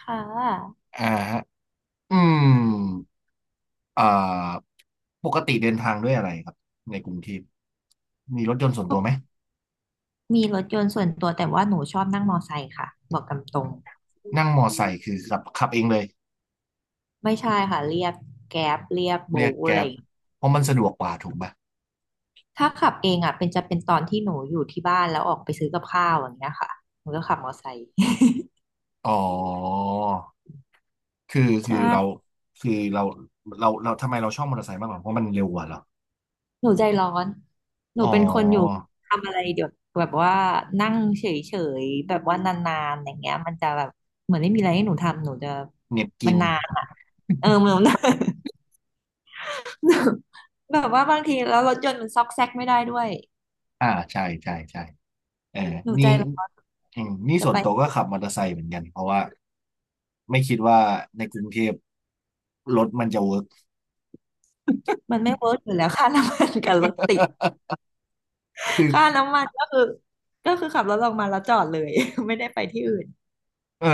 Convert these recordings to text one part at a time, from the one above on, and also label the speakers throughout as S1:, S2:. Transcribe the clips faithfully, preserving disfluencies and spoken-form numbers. S1: ค่ะ
S2: อ่าฮะอืมอ่าปกติเดินทางด้วยอะไรครับในกรุงเทพมีรถยนต์ส่วนตัวไหม
S1: มีรถยนต์ส่วนตัวแต่ว่าหนูชอบนั่งมอไซค์ค่ะบอกตามตรง
S2: นั่งมอไซค์คือขับขับเองเลย
S1: ไม่ใช่ค่ะเรียกแกร็บเรียกโบ
S2: เรียก
S1: ว์
S2: แก
S1: อะไร
S2: ร็บ
S1: อย่าง
S2: เพราะมันสะดวกกว่าถูกปะ
S1: ถ้าขับเองอ่ะเป็นจะเป็นตอนที่หนูอยู่ที่บ้านแล้วออกไปซื้อกับข้าวอย่างเงี้ยค่ะหนูก็ขับมอไซค์
S2: อ๋อคือ คือ
S1: ใช่
S2: เราคือเราเราเราทำไมเราชอบมอเตอร์ไซค์มากกว่าเพราะมันเร็วกว่าเหรอ
S1: หนูใจร้อนหนู
S2: อ๋อ
S1: เป็นคนอยู่ทำอะไรเดี๋ยวแบบว่านั่งเฉยๆแบบว่านานๆอย่างเงี้ยมันจะแบบเหมือนไม่มีอะไรให้หนูทำหนูจะ
S2: เหน็บกิ
S1: มัน
S2: น
S1: นานอ่ะเออมันนาน แบบว่าบางทีแล้วรถยนต์มันซอกแซกไม่ได้ด้วย
S2: อ่าใช่ใช่ใช่เออ
S1: หนู
S2: นี่
S1: ใจร้อน
S2: อืมนี่
S1: จะ
S2: ส่ว
S1: ไป
S2: นตัว
S1: ให้
S2: ก็
S1: ถึง
S2: ขับมอเตอร์ไซค์เหมือนกัน เพราะว่าไม่คิดว่าในกรุงเทพรถมันจะเวิร์ก
S1: มันไม่เวิร์กอยู่แล้วค่าน้ำมันกับรถติด
S2: คือ
S1: ค่าน้ำมันก็คือก็คือขับรถออกมาแล้วจอดเลย ไม่ได้ไปที่อื่น
S2: เออ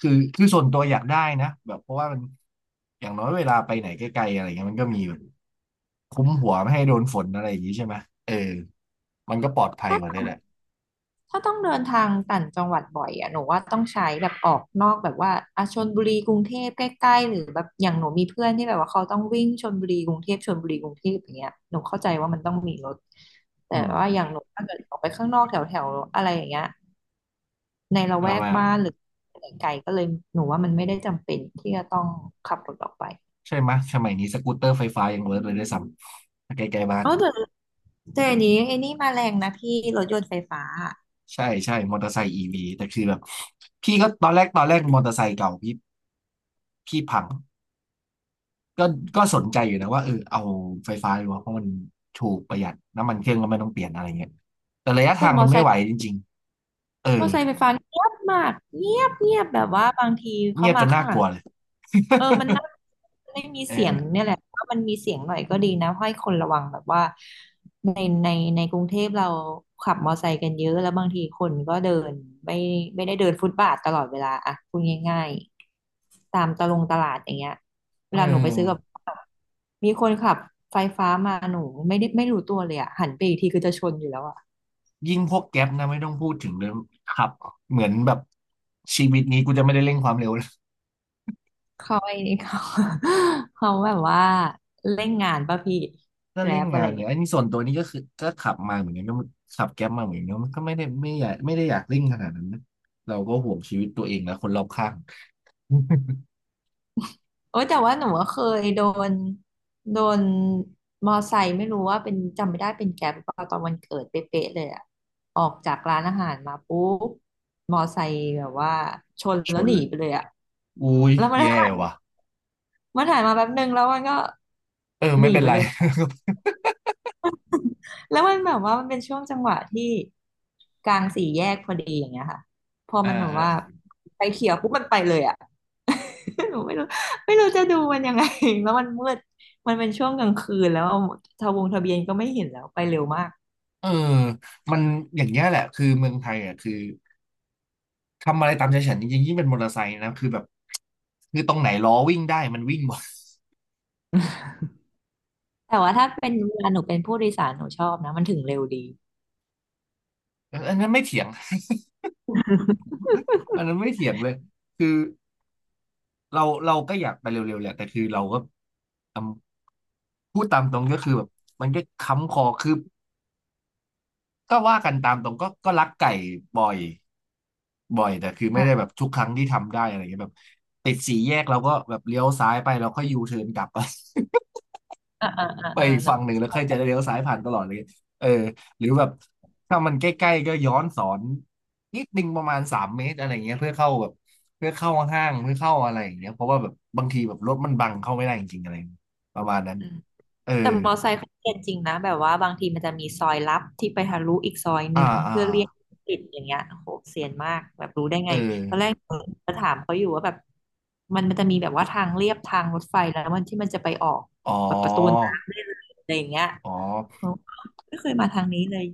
S2: คือคือส่วนตัวอยากได้นะแบบเพราะว่ามันอย่างน้อยเวลาไปไหนไกลๆอะไรเงี้ยมันก็มีแบบคุ้มหัวไม่ให้โดนฝนอะไรอย่างงี้ใช่ไหมเออมันก็ปลอดภัย
S1: ถ้า
S2: กว่าด้วยแหละ
S1: ถ้าต้องเดินทางต่างจังหวัดบ่อยอะหนูว่าต้องใช้แบบออกนอกแบบว่าอาชลบุรีกรุงเทพใกล้ๆหรือแบบอย่างหนูมีเพื่อนที่แบบว่าเขาต้องวิ่งชลบุรีกรุงเทพชลบุรีกรุงเทพอย่างเงี้ยหนูเข้าใจว่ามันต้องมีรถแต่
S2: อื
S1: ว่าอย่า
S2: ม
S1: งหนูถ้าเกิดออกไปข้างนอกแถวๆอะไรอย่างเงี้ย ในละแว
S2: เอา
S1: ก
S2: มา
S1: บ้านหรือไกลๆก็เลยหนูว่ามันไม่ได้จำเป็นที่จะต้องขับรถออกไป
S2: ใช่ไหมยสมัยนี้สกูตเตอร์ไฟฟ้ายังเวิร์กเลยด้วยซ้ำใกล้ๆบ้าน
S1: เอาแต่แต่อันนี้ไอ้นี่มาแรงนะพี่รถยนต์ไฟฟ้า
S2: ใช่ใช่มอเตอร์ไซค์อีวีแต่คือแบบพี่ก็ตอนแรกตอนแรกมอเตอร์ไซค์เก่าพี่พี่พัง ก็ก็สนใจอยู่นะว่าเออเอาไฟฟ้าดีกว่าเพราะมันถูกประหยัดน้ำมันเครื่องก็ไม่ต้องเปลี่ยนอะไรเงี้ยแต่ระยะ
S1: แต่
S2: ทาง
S1: ม
S2: มั
S1: อ
S2: น
S1: ไซ
S2: ไม่
S1: ค์
S2: ไหวจริงๆเอ
S1: ม
S2: อ
S1: อไซค์ไฟฟ้าเงียบมากเงียบเงียบแบบว่าบางทีเขา
S2: เงียบจ
S1: มา
S2: น
S1: ข้า
S2: น่า
S1: งห
S2: ก
S1: ลั
S2: ลั
S1: ง
S2: วเลย
S1: เออมันน่าไม่มี
S2: เอ
S1: เสียง
S2: อ
S1: เนี่ยแหละถ้ามันมีเสียงหน่อยก็ดีนะให้คนระวังแบบว่าในในในกรุงเทพเราขับมอไซค์กันเยอะแล้วบางทีคนก็เดินไม่ไม่ได้เดินฟุตบาทตลอดเวลาอะพูดง่ายๆตามตะลงตลาดอย่างเงี้ยเว
S2: เอ
S1: ลาหนูไปซื้อกับ
S2: อ
S1: ข้าวมีคนขับไฟฟ้ามาหนูไม่ได้ไม่รู้ตัวเลยอะหันไปอีกทีคือจะชนอยู่แล้วอะ
S2: ยิ่งพวกแก๊ปนะไม่ต้องพูดถึงเลยครับเหมือนแบบชีวิตนี้กูจะไม่ได้เร่งความเร็วแล้ว
S1: เขาไอ้นี่เขา เขาแบบว่าเล่นงานป่ะพี่แก
S2: ถ้า
S1: ร็
S2: เร่ง
S1: บอะ
S2: งา
S1: ไร
S2: นเนี่ย
S1: เงี้ย
S2: อันนี้ส่วนตัวนี้ก็คือก็ขับมาเหมือนกันก็ขับแก๊ปมาเหมือนกันมันก็ไม่ได้ไม่อยากไม่ได้อยากเร่งขนาดนั้นนะเราก็ห่วงชีวิตตัวเองและคนรอบข้าง
S1: โอ้ยแต่ว่าหนูก็เคยโดนโดนมอไซค์ไม่รู้ว่าเป็นจำไม่ได้เป็นแกร็บหรือเปล่าตอนวันเกิดเป๊ะๆเลยอะออกจากร้านอาหารมาปุ๊บมอไซค์แบบว่าชน
S2: ช
S1: แล้ว
S2: น
S1: หนี
S2: เลย
S1: ไปเลยอะ
S2: อุ้ย
S1: แล้วมัน
S2: แย่ ว่ะ
S1: มันหายมาแป๊บนึงแล้วมันก็
S2: เออ
S1: ห
S2: ไม่
S1: นี
S2: เป็น
S1: ไป
S2: ไร
S1: เลย แล้วมันแบบว่ามันเป็นช่วงจังหวะที่กลางสี่แยกพอดีอย่างเงี้ยค่ะพอ
S2: อ่า
S1: มันแบบ
S2: ฮะ
S1: ว่าไฟเขียวปุ๊บมันไปเลยอ่ะ หนูไม่รู้ไม่รู้จะดูมันยังไง แล้วมันมืดมันเป็นช่วงกลางคืนแล้วทะวงทะเบียนก็ไม่เห็นแล้วไปเร็วมาก
S2: เออมันอย่างเงี้ยแหละคือเมืองไทยอ่ะคือทำอะไรตามใจฉันจริงๆยิ่งเป็นมอเตอร์ไซค์นะคือแบบคือตรงไหนล้อวิ่งได้มันวิ่งหมด
S1: แต่ว่าถ้าเป็นเวลาหนูเป็นผู้โดยสารหนูชอบนะมันถึงเร็วดี
S2: เอออันนั้นไม่เถียงอันนั้นไม่เถียงเลยคือเราเราก็อยากไปเร็วๆแหละแต่คือเราก็ทำพูดตามตรงก็คือแบบมันก็ค้ำคอคือก็ว่ากันตามตรงก็ก็รักไก่บ่อยบ่อยแต่คือไม่ได้แบ
S1: อ่า
S2: บทุกครั้งที่ทำได้อะไรเงี้ยแบบติดสี่แยกเราก็แบบเลี้ยวซ้ายไปเราก็ยูเทิร์นกลับ
S1: อ่าอ่าอ่า
S2: ไป
S1: อ่า
S2: อีก
S1: หนู
S2: ฝั่งหนึ่งแล้วค่อยจะเลี้ยวซ้ายผ่านตลอดเลยเออหรือแบบถ้ามันใกล้ๆก็ย้อนสอนนิดนึงประมาณสามเมตรอะไรเงี้ยเพื่อเข้าแบบเพื่อเข้าห้างเพื่อเข้าอะไรอย่างเงี้ยเพราะว่าแบบบางทีแบบรถมันบังเข้าไม่ได้จริงๆอะไรประมาณนั้นเออ
S1: แต่มอไซค์เขาเรียนจริงนะแบบว่าบางทีมันจะมีซอยลับที่ไปทะลุอีกซอยห
S2: อ่า
S1: นึ่ง
S2: อ่า
S1: เพื่อเลี่ยงติดอย่างเงี้ยโอ้โหเซียนมากแบบรู้ได้
S2: เอ
S1: ไง
S2: อ
S1: ตอนแรกจะถามเขาอยู่ว่าแบบมันมันจะมีแบบว่าทางเลียบทางรถไฟแล้วมันที่มันจะไปออก
S2: อ๋อ
S1: แบบประตูน้ำได้เลยอะไรอย่างเงี้ย
S2: อ๋อ
S1: โอ้ไม่เคยมาทางนี้เลย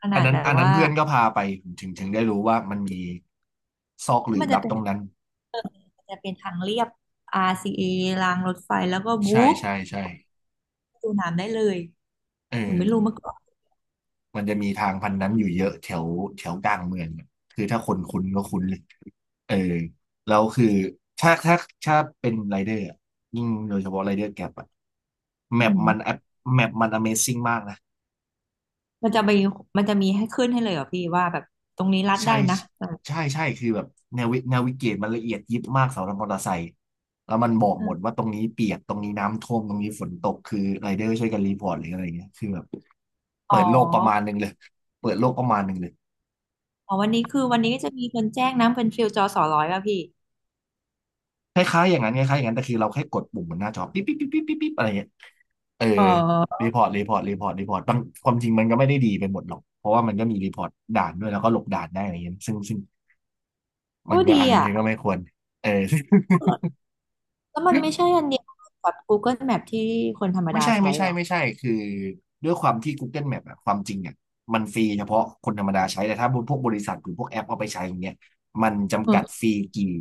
S1: ข
S2: อั
S1: นา
S2: น
S1: ด
S2: นั้น
S1: แบบ
S2: อันนั้น
S1: ว่า
S2: เพื่อนก็พาไปผมถึงถึงได้รู้ว่ามันมีซอกห
S1: ที่
S2: ลืบ
S1: มันจะ
S2: ลับ
S1: เป็
S2: ต
S1: น
S2: รงนั้น
S1: เออมันจะเป็นทางเลียบ อาร์ ซี เอ รซีเอรางรถไฟแล้วก็บุ๊
S2: ใช่
S1: บ
S2: ใช่ใช่
S1: ประตูน้ำได้เลย
S2: เอ
S1: หนูไม่รู้
S2: อ
S1: มาก่อน
S2: มันจะมีทางพันนั้นอยู่เยอะแถวแถวกลางเมืองอะคือถ้าคนคุ้นก็คุ้นเลยเออแล้วคือ ถ้าถ้าถ้าเป็นไรเดอร์อะยิ่งโดยเฉพาะไรเดอร์แกร็บอะแม
S1: อื
S2: ป
S1: ม
S2: มันแมปมัน Amazing มากนะ
S1: มันจะมีมันจะมีให้ขึ้นให้เลยเหรอพี่ว่าแบบตรงนี้รัด
S2: ใช่
S1: ได้นะเออ
S2: ใช่ใช่คือแบบแนวิแนวิเกตมันละเอียดยิบมากสำหรับมอเตอร์ไซค์แล้วมันบอกหมดว่าตรงนี้เปียกตรงนี้น้ำท่วมตรงนี้ฝนตก คือไรเดอร์ช่วยกันรีพอร์ตหรืออะไรเงี้ยคือแบบ
S1: อ๋
S2: เปิ
S1: อ
S2: ดโลกประมาณหนึ่งเลยเปิดโลกประมาณหนึ่งเลย
S1: อ๋อวันนี้คือวันนี้ก็จะมีคนแจ้งน้ำเป็นฟิลจอสอร้อยป่ะพี่
S2: คล้ายๆอย่างนั้นคล้ายๆอย่างนั้นแต่คือเราแค่กดปุ่มบนหน้าจอปิ๊บปิ๊บปิ๊บปิ๊บปิ๊บปิ๊บอะไรเงี้ยเออ
S1: อ๋อ
S2: รีพอร์ตรีพอร์ตรีพอร์ตรีพอร์ตบางความจริงมันก็ไม่ได้ดีไปหมดหรอก เพราะว่ามันก็มีรีพอร์ตด่านด้วยแล้วก็หลบด่านได้อะไรเงี้ยซึ่งซึ่งมั
S1: โอ้
S2: นก็
S1: ดี
S2: อ่านบาง
S1: อ่ะ
S2: ทีก็ไม่ควรเออ
S1: แล้วมันไม่ใช่อันเดียวกับ Google Map ที่คนธรรม
S2: ไม่
S1: ดา
S2: ใช่
S1: ใช้
S2: ไม่
S1: เห
S2: ใช่
S1: รอ
S2: ไม่ใช่คือด้วยความที่ Google Map อะความจริงเนี่ยมันฟรีเฉพาะคนธรรมดาใช้แต่ถ้าพวกบริษัทหรือพวกแอปเอาไปใช้อย่างเงี้ยมัน
S1: อื
S2: จำกัด
S1: ม
S2: ฟรีกี่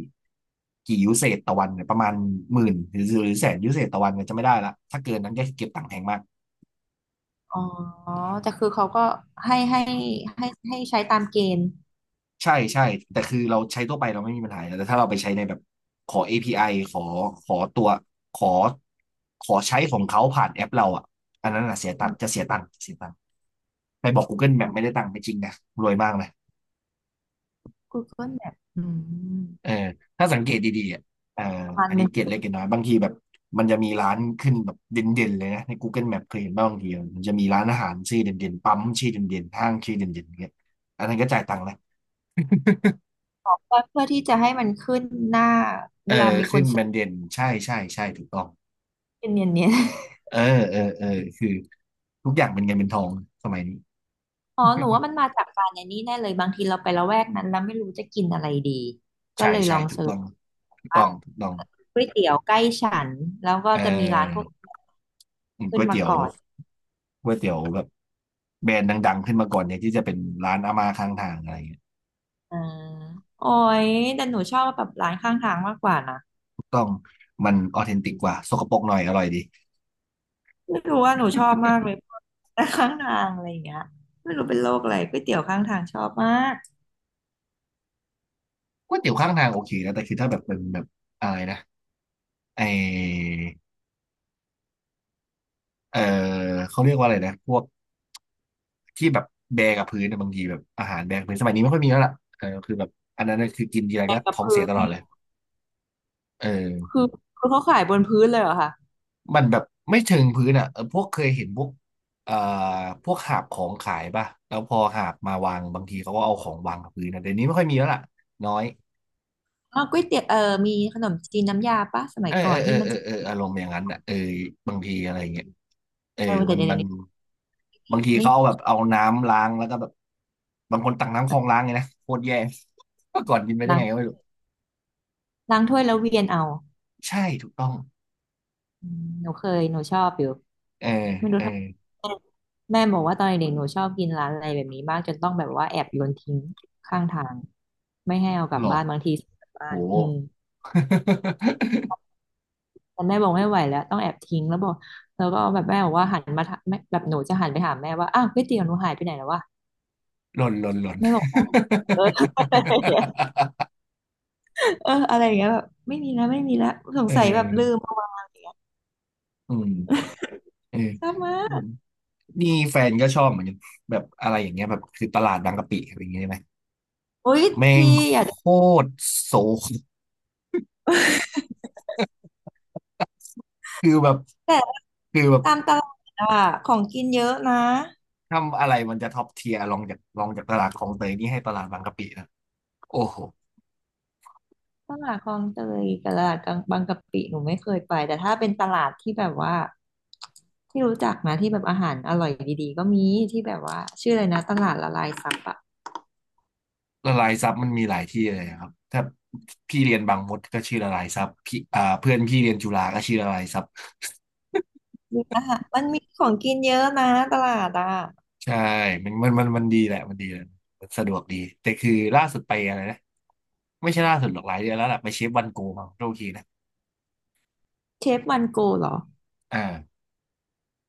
S2: กี่ยูเซจต่อวันเนี่ยประมาณหมื่นหรือหรือแสนยูเซตต่อวันเนี่ยจะไม่ได้ละถ้าเกินนั้นก็เก็บตังค์แพงมาก
S1: อ๋อแต่คือเขาก็ให้ให้ให้ให้ใช้ตามเกณฑ์
S2: ใช่ใช่แต่คือเราใช้ทั่วไปเราไม่มีปัญหาอยู่แล้วแต่ถ้าเราไปใช้ในแบบขอ เอ พี ไอ ขอขอตัวขอขอใช้ของเขาผ่านแอปเราอ่ะอันนั้นอ่ะเสียตั
S1: อื
S2: งค์
S1: ม
S2: จะเสียตังค์เสียตังค์ไปบอก Google Map ไม่ได้ตังค์ไม่จริงนะรวยมากนะ
S1: Google Map อืม
S2: เออถ้าสังเกตดีๆอ่ะเออ
S1: ประมาณ
S2: อัน
S1: ห
S2: นี้
S1: นึ่ง
S2: เกร็ดเล็กเก
S1: เ
S2: ร็ดน้อยบางทีแบบมันจะมีร้านขึ้นแบบเด่นๆเลยนะใน Google Map เคยเห็นบ้างบางทีมันจะมีร้านอาหารชื่อเด่นๆปั๊มชื่อเด่นๆห้างชื่อเด่นๆอย่างเงี้ยอันนั้นก็จ่ายตังค์นะ
S1: พื่อที่จะให้มันขึ้นหน้า
S2: เอ
S1: เว
S2: อ
S1: ลามีค
S2: ขึ้
S1: น
S2: น
S1: เซ
S2: แบ
S1: อ
S2: รนด์
S1: ร์
S2: เด่นใช่ใช่ใช่ถูกต้อง
S1: ชเนียน
S2: เออเออเออคือทุกอย่างเป็นเงินเป็นทองสมัยนี้
S1: อ๋อหนูว่ามันมาจากการในนี้แน่เลยบางทีเราไประแวกนั้นแล้วไม่รู้จะกินอะไรดี ก็
S2: ใช่
S1: เลยล
S2: ใช่
S1: อง
S2: ถูก
S1: เสิร์
S2: ต้
S1: ช
S2: องถูกต้
S1: ว่า
S2: องถูกต้อง
S1: ก๋วยเตี๋ยวใกล้ฉันแล้วก็
S2: เ
S1: จะมีร้านพวก
S2: ออ
S1: ขึ้
S2: ก๋
S1: น
S2: วย
S1: มา
S2: เตี๋ยว
S1: ก่อน
S2: ก๋วยเตี๋ยวแบบแบรนด์ดังๆขึ้นมาก่อนเนี่ยที่จะเป็นร้านอาม่าข้างทางอะไรเงี้ย
S1: อ่าโอ้ยแต่หนูชอบแบบร้านข้างทางมากกว่านะ
S2: ถูกต้องมันออเทนติกกว่าสกปรกหน่อยอร่อยดี
S1: ไม่รู้ว่าหนูชอบมากเลยร้านข้างทางอะไรอย่างเงี้ยไม่รู้เป็นโรคอะไรก๋วยเตี๋ยวข้างทางชอบมาก
S2: ก๋วยเตี๋ยวข้างทางโอเคนะแต่คือถ้าแบบเป็นแบบอะไรนะไอเออเขาเรียกว่าอะไรนะพวกที่แบบแบกกับพื้นนะบางทีแบบอาหารแบกกับพื้นสมัยนี้ไม่ค่อยมีแล้วล่ะเออคือแบบอันนั้นน่ะคือกินทีไร
S1: แต่
S2: ก็
S1: กับ
S2: ท้อง
S1: พื้
S2: เสีย
S1: น
S2: ตลอด
S1: นี่
S2: เลยเออ
S1: คือคือเขาขายบนพื้นเลยเหรอคะ
S2: มันแบบไม่เชิงพื้นอ่ะเออพวกเคยเห็นพวกเอ่อพวกหาบของขายป่ะแล้วพอหาบมาวางบางทีเขาก็เอาของวางกับพื้นนะเดี๋ยวนี้ไม่ค่อยมีแล้วล่ะน้อย
S1: อ๋อก๋วยเตี๋ยวเออมีขนมจีนน้ำยาปะสมั
S2: เอ
S1: ย
S2: อ
S1: ก่
S2: เอ
S1: อ
S2: อ
S1: น
S2: เออ
S1: ที่มัน
S2: เออ
S1: จะ
S2: เอออารมณ์อย่างนั้นอ่ะเออบางทีอะไรเงี้ยเออ
S1: เออแต่
S2: มัน
S1: เดี๋ยว
S2: มัน
S1: นี้
S2: บางที
S1: ไม่
S2: เขาเอาแบบเอาน้ำล้างแล้วก็แบบบางคนตักน้ำคลองล้างไงนะโคตรแย่ เมื่อก่อนกินไปได้
S1: ล้า
S2: ไงก็
S1: ง
S2: ไม่รู้
S1: ล้างถ้วยแล้วเวียนเอา
S2: ใช่ถูกต้อง
S1: อืมหนูเคยหนูชอบอยู่
S2: เออ
S1: ไม่รู้
S2: เออ
S1: ทำไมแม่บอกว่าตอนเด็กๆหนูชอบกินร้านอะไรแบบนี้มากจนต้องแบบว่าแอบโยนทิ้งข้างทางไม่ให้เอากลั
S2: ห
S1: บ
S2: รอ
S1: บ้านบางทีซื้อกลับบ้า
S2: โห
S1: นอืม แต่แม่บอกไม่ไหวแล้วต้องแอบทิ้งแล้วบอกแล้วก็แบบแม่บอกว่าหันมาถามแม่แบบหนูจะหันไปถามแม่ว่าอ้าวก๋วยเตี๋ยวหนูหายไปไหนแล้ววะ
S2: หล่นหล่นหล่น
S1: แม่บอกอ๋อเออ อะไรเงี้ยอออะไรอย่างเงี้ยแบบไม่มีแล้วไม่มีแล้วสง
S2: เอ
S1: สัยแบบลืม
S2: อ
S1: เอามา
S2: อืมเออ
S1: ชอบมา
S2: อื
S1: ก
S2: มนี่แฟนก็ชอบเหมือนกันแบบอะไรอย่างเงี้ยแบบคือตลาดบางกะปิอะไรอย่างเงี้ยใช่ไหม
S1: โย
S2: แม่ง
S1: พี่
S2: โ
S1: อยากจะ
S2: คตรโศก คือแบบ
S1: แต่
S2: คือแบบ
S1: ตามตลาดอะของกินเยอะนะ
S2: ทำอะไรมันจะท็อปเทียร์ลองจากลองจากตลาดคลองเตยนี่ให้ตลาดบางกะปินะโอ้โห
S1: ตลาดคลองเตยกับตลาดกลางบางกะปิหนูไม่เคยไปแต่ถ้าเป็นตลาดที่แบบว่าที่รู้จักนะที่แบบอาหารอร่อยดีๆก็มีที่แบบว่าชื่ออะไรนะตลาดละลายซับอะ
S2: ละลายซับมันมีหลายที่เลยครับถ้าพี่เรียนบางมดก็ชื่อละลายซับพี่อ่าเพื่อนพี่เรียนจุฬาก็ชื่อละลายซับ
S1: มีอาหารมันมีของกินเยอะนะตลาดอะ
S2: ใช่มันมันมันมันดีแหละมันดีแหละมันสะดวกดี แต่คือล่าสุดไปอะไรนะไม่ใช่ล่าสุดหรอกหลายเดือนแล้วล่ะไปเชฟวันโกมาโทษทีนะ
S1: เชฟวันโกเหรอ
S2: อ่า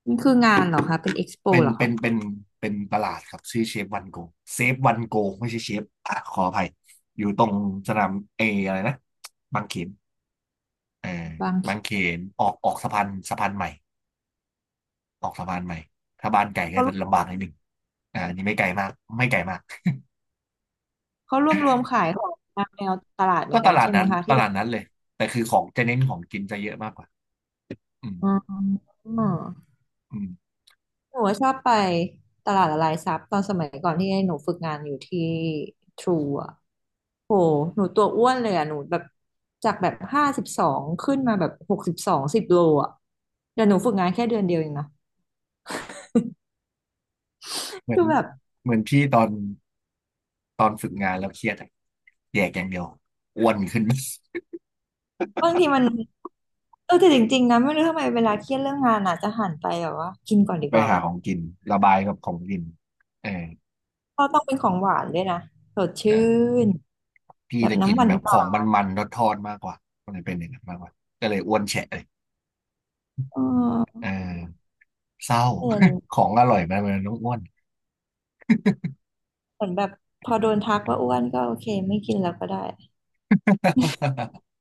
S1: มันคืองานเหรอคะเป็นเอ็กซ์โป
S2: เป็น
S1: เหรอ
S2: เป็
S1: คะ
S2: นเป็นเป็นตลาดครับชื่อเชฟวันโกเซฟวันโกไม่ใช่เชฟอ่ะขออภัย อยู่ตรงสนามเออะไรนะบางเขนเออ
S1: บางเข
S2: บาง
S1: น
S2: เขน ออกออกสะพานสะพานใหม่ออกสะพานใหม่ ถ้าบ้านไก่ก็
S1: เขา
S2: จะลำบากนิดนึงอ่าอันนี่ไม่ไกลมากไม่ไกลมาก
S1: เขารวมรวมขายของตามแนวตลาดเหมื
S2: ก็
S1: อน
S2: ต
S1: กัน
S2: ลาด
S1: ใช่ไหม
S2: นั้น
S1: คะ
S2: ต
S1: ที่แบ
S2: ลา
S1: บ
S2: ดนั้นเลย แต่คือของจะเน้นของกินจะเยอะมากกว่าอืม
S1: อ๋อ
S2: อืม
S1: หนูว่าชอบไปตลาดละลายซับตอนสมัยก่อนที่หนูฝึกงานอยู่ที่ทรูอ่ะโหหนูตัวอ้วนเลยอ่ะหนูแบบจากแบบห้าสิบสองขึ้นมาแบบหกสิบสองสิบโลอ่ะแต่หนูฝึกงานแค่เดือนเดียวเองนะ
S2: เหมือ
S1: คื
S2: น
S1: อแบบ
S2: เหมือนพี่ตอนตอนฝึกงานแล้วเครียดอะแยกอย่างเดียวอ้วนขึ้น
S1: บางทีมันเออแต่จริงๆนะไม่รู้ทำไมเวลาเครียดเรื่องงานอ่ะจะหันไปแบบว่ากินก่อนดี
S2: ไป
S1: กว่า
S2: หา
S1: วะ
S2: ของกินระบายกับของกินเออ
S1: ก็ต้องเป็นของหวานด้วยนะสด
S2: เอ
S1: ชื่
S2: อ
S1: น
S2: พี่
S1: แบบ
S2: จะกิ
S1: น้ำ
S2: น
S1: หวาน
S2: แบบ
S1: ห
S2: ข
S1: วา
S2: อง
S1: น
S2: มันๆทอดๆมากกว่าก็เลยเป็นอย่างนั้นมากกว่าก็เลยอ้วนแฉะเลย
S1: เออ
S2: เออเศร้า
S1: เอนนี้
S2: ของอร่อยมันมันต้องอ้วน
S1: เหมือนแบบพอโดนทักว่าอ้วนก็โอเคไม่กินแล้วก็ได้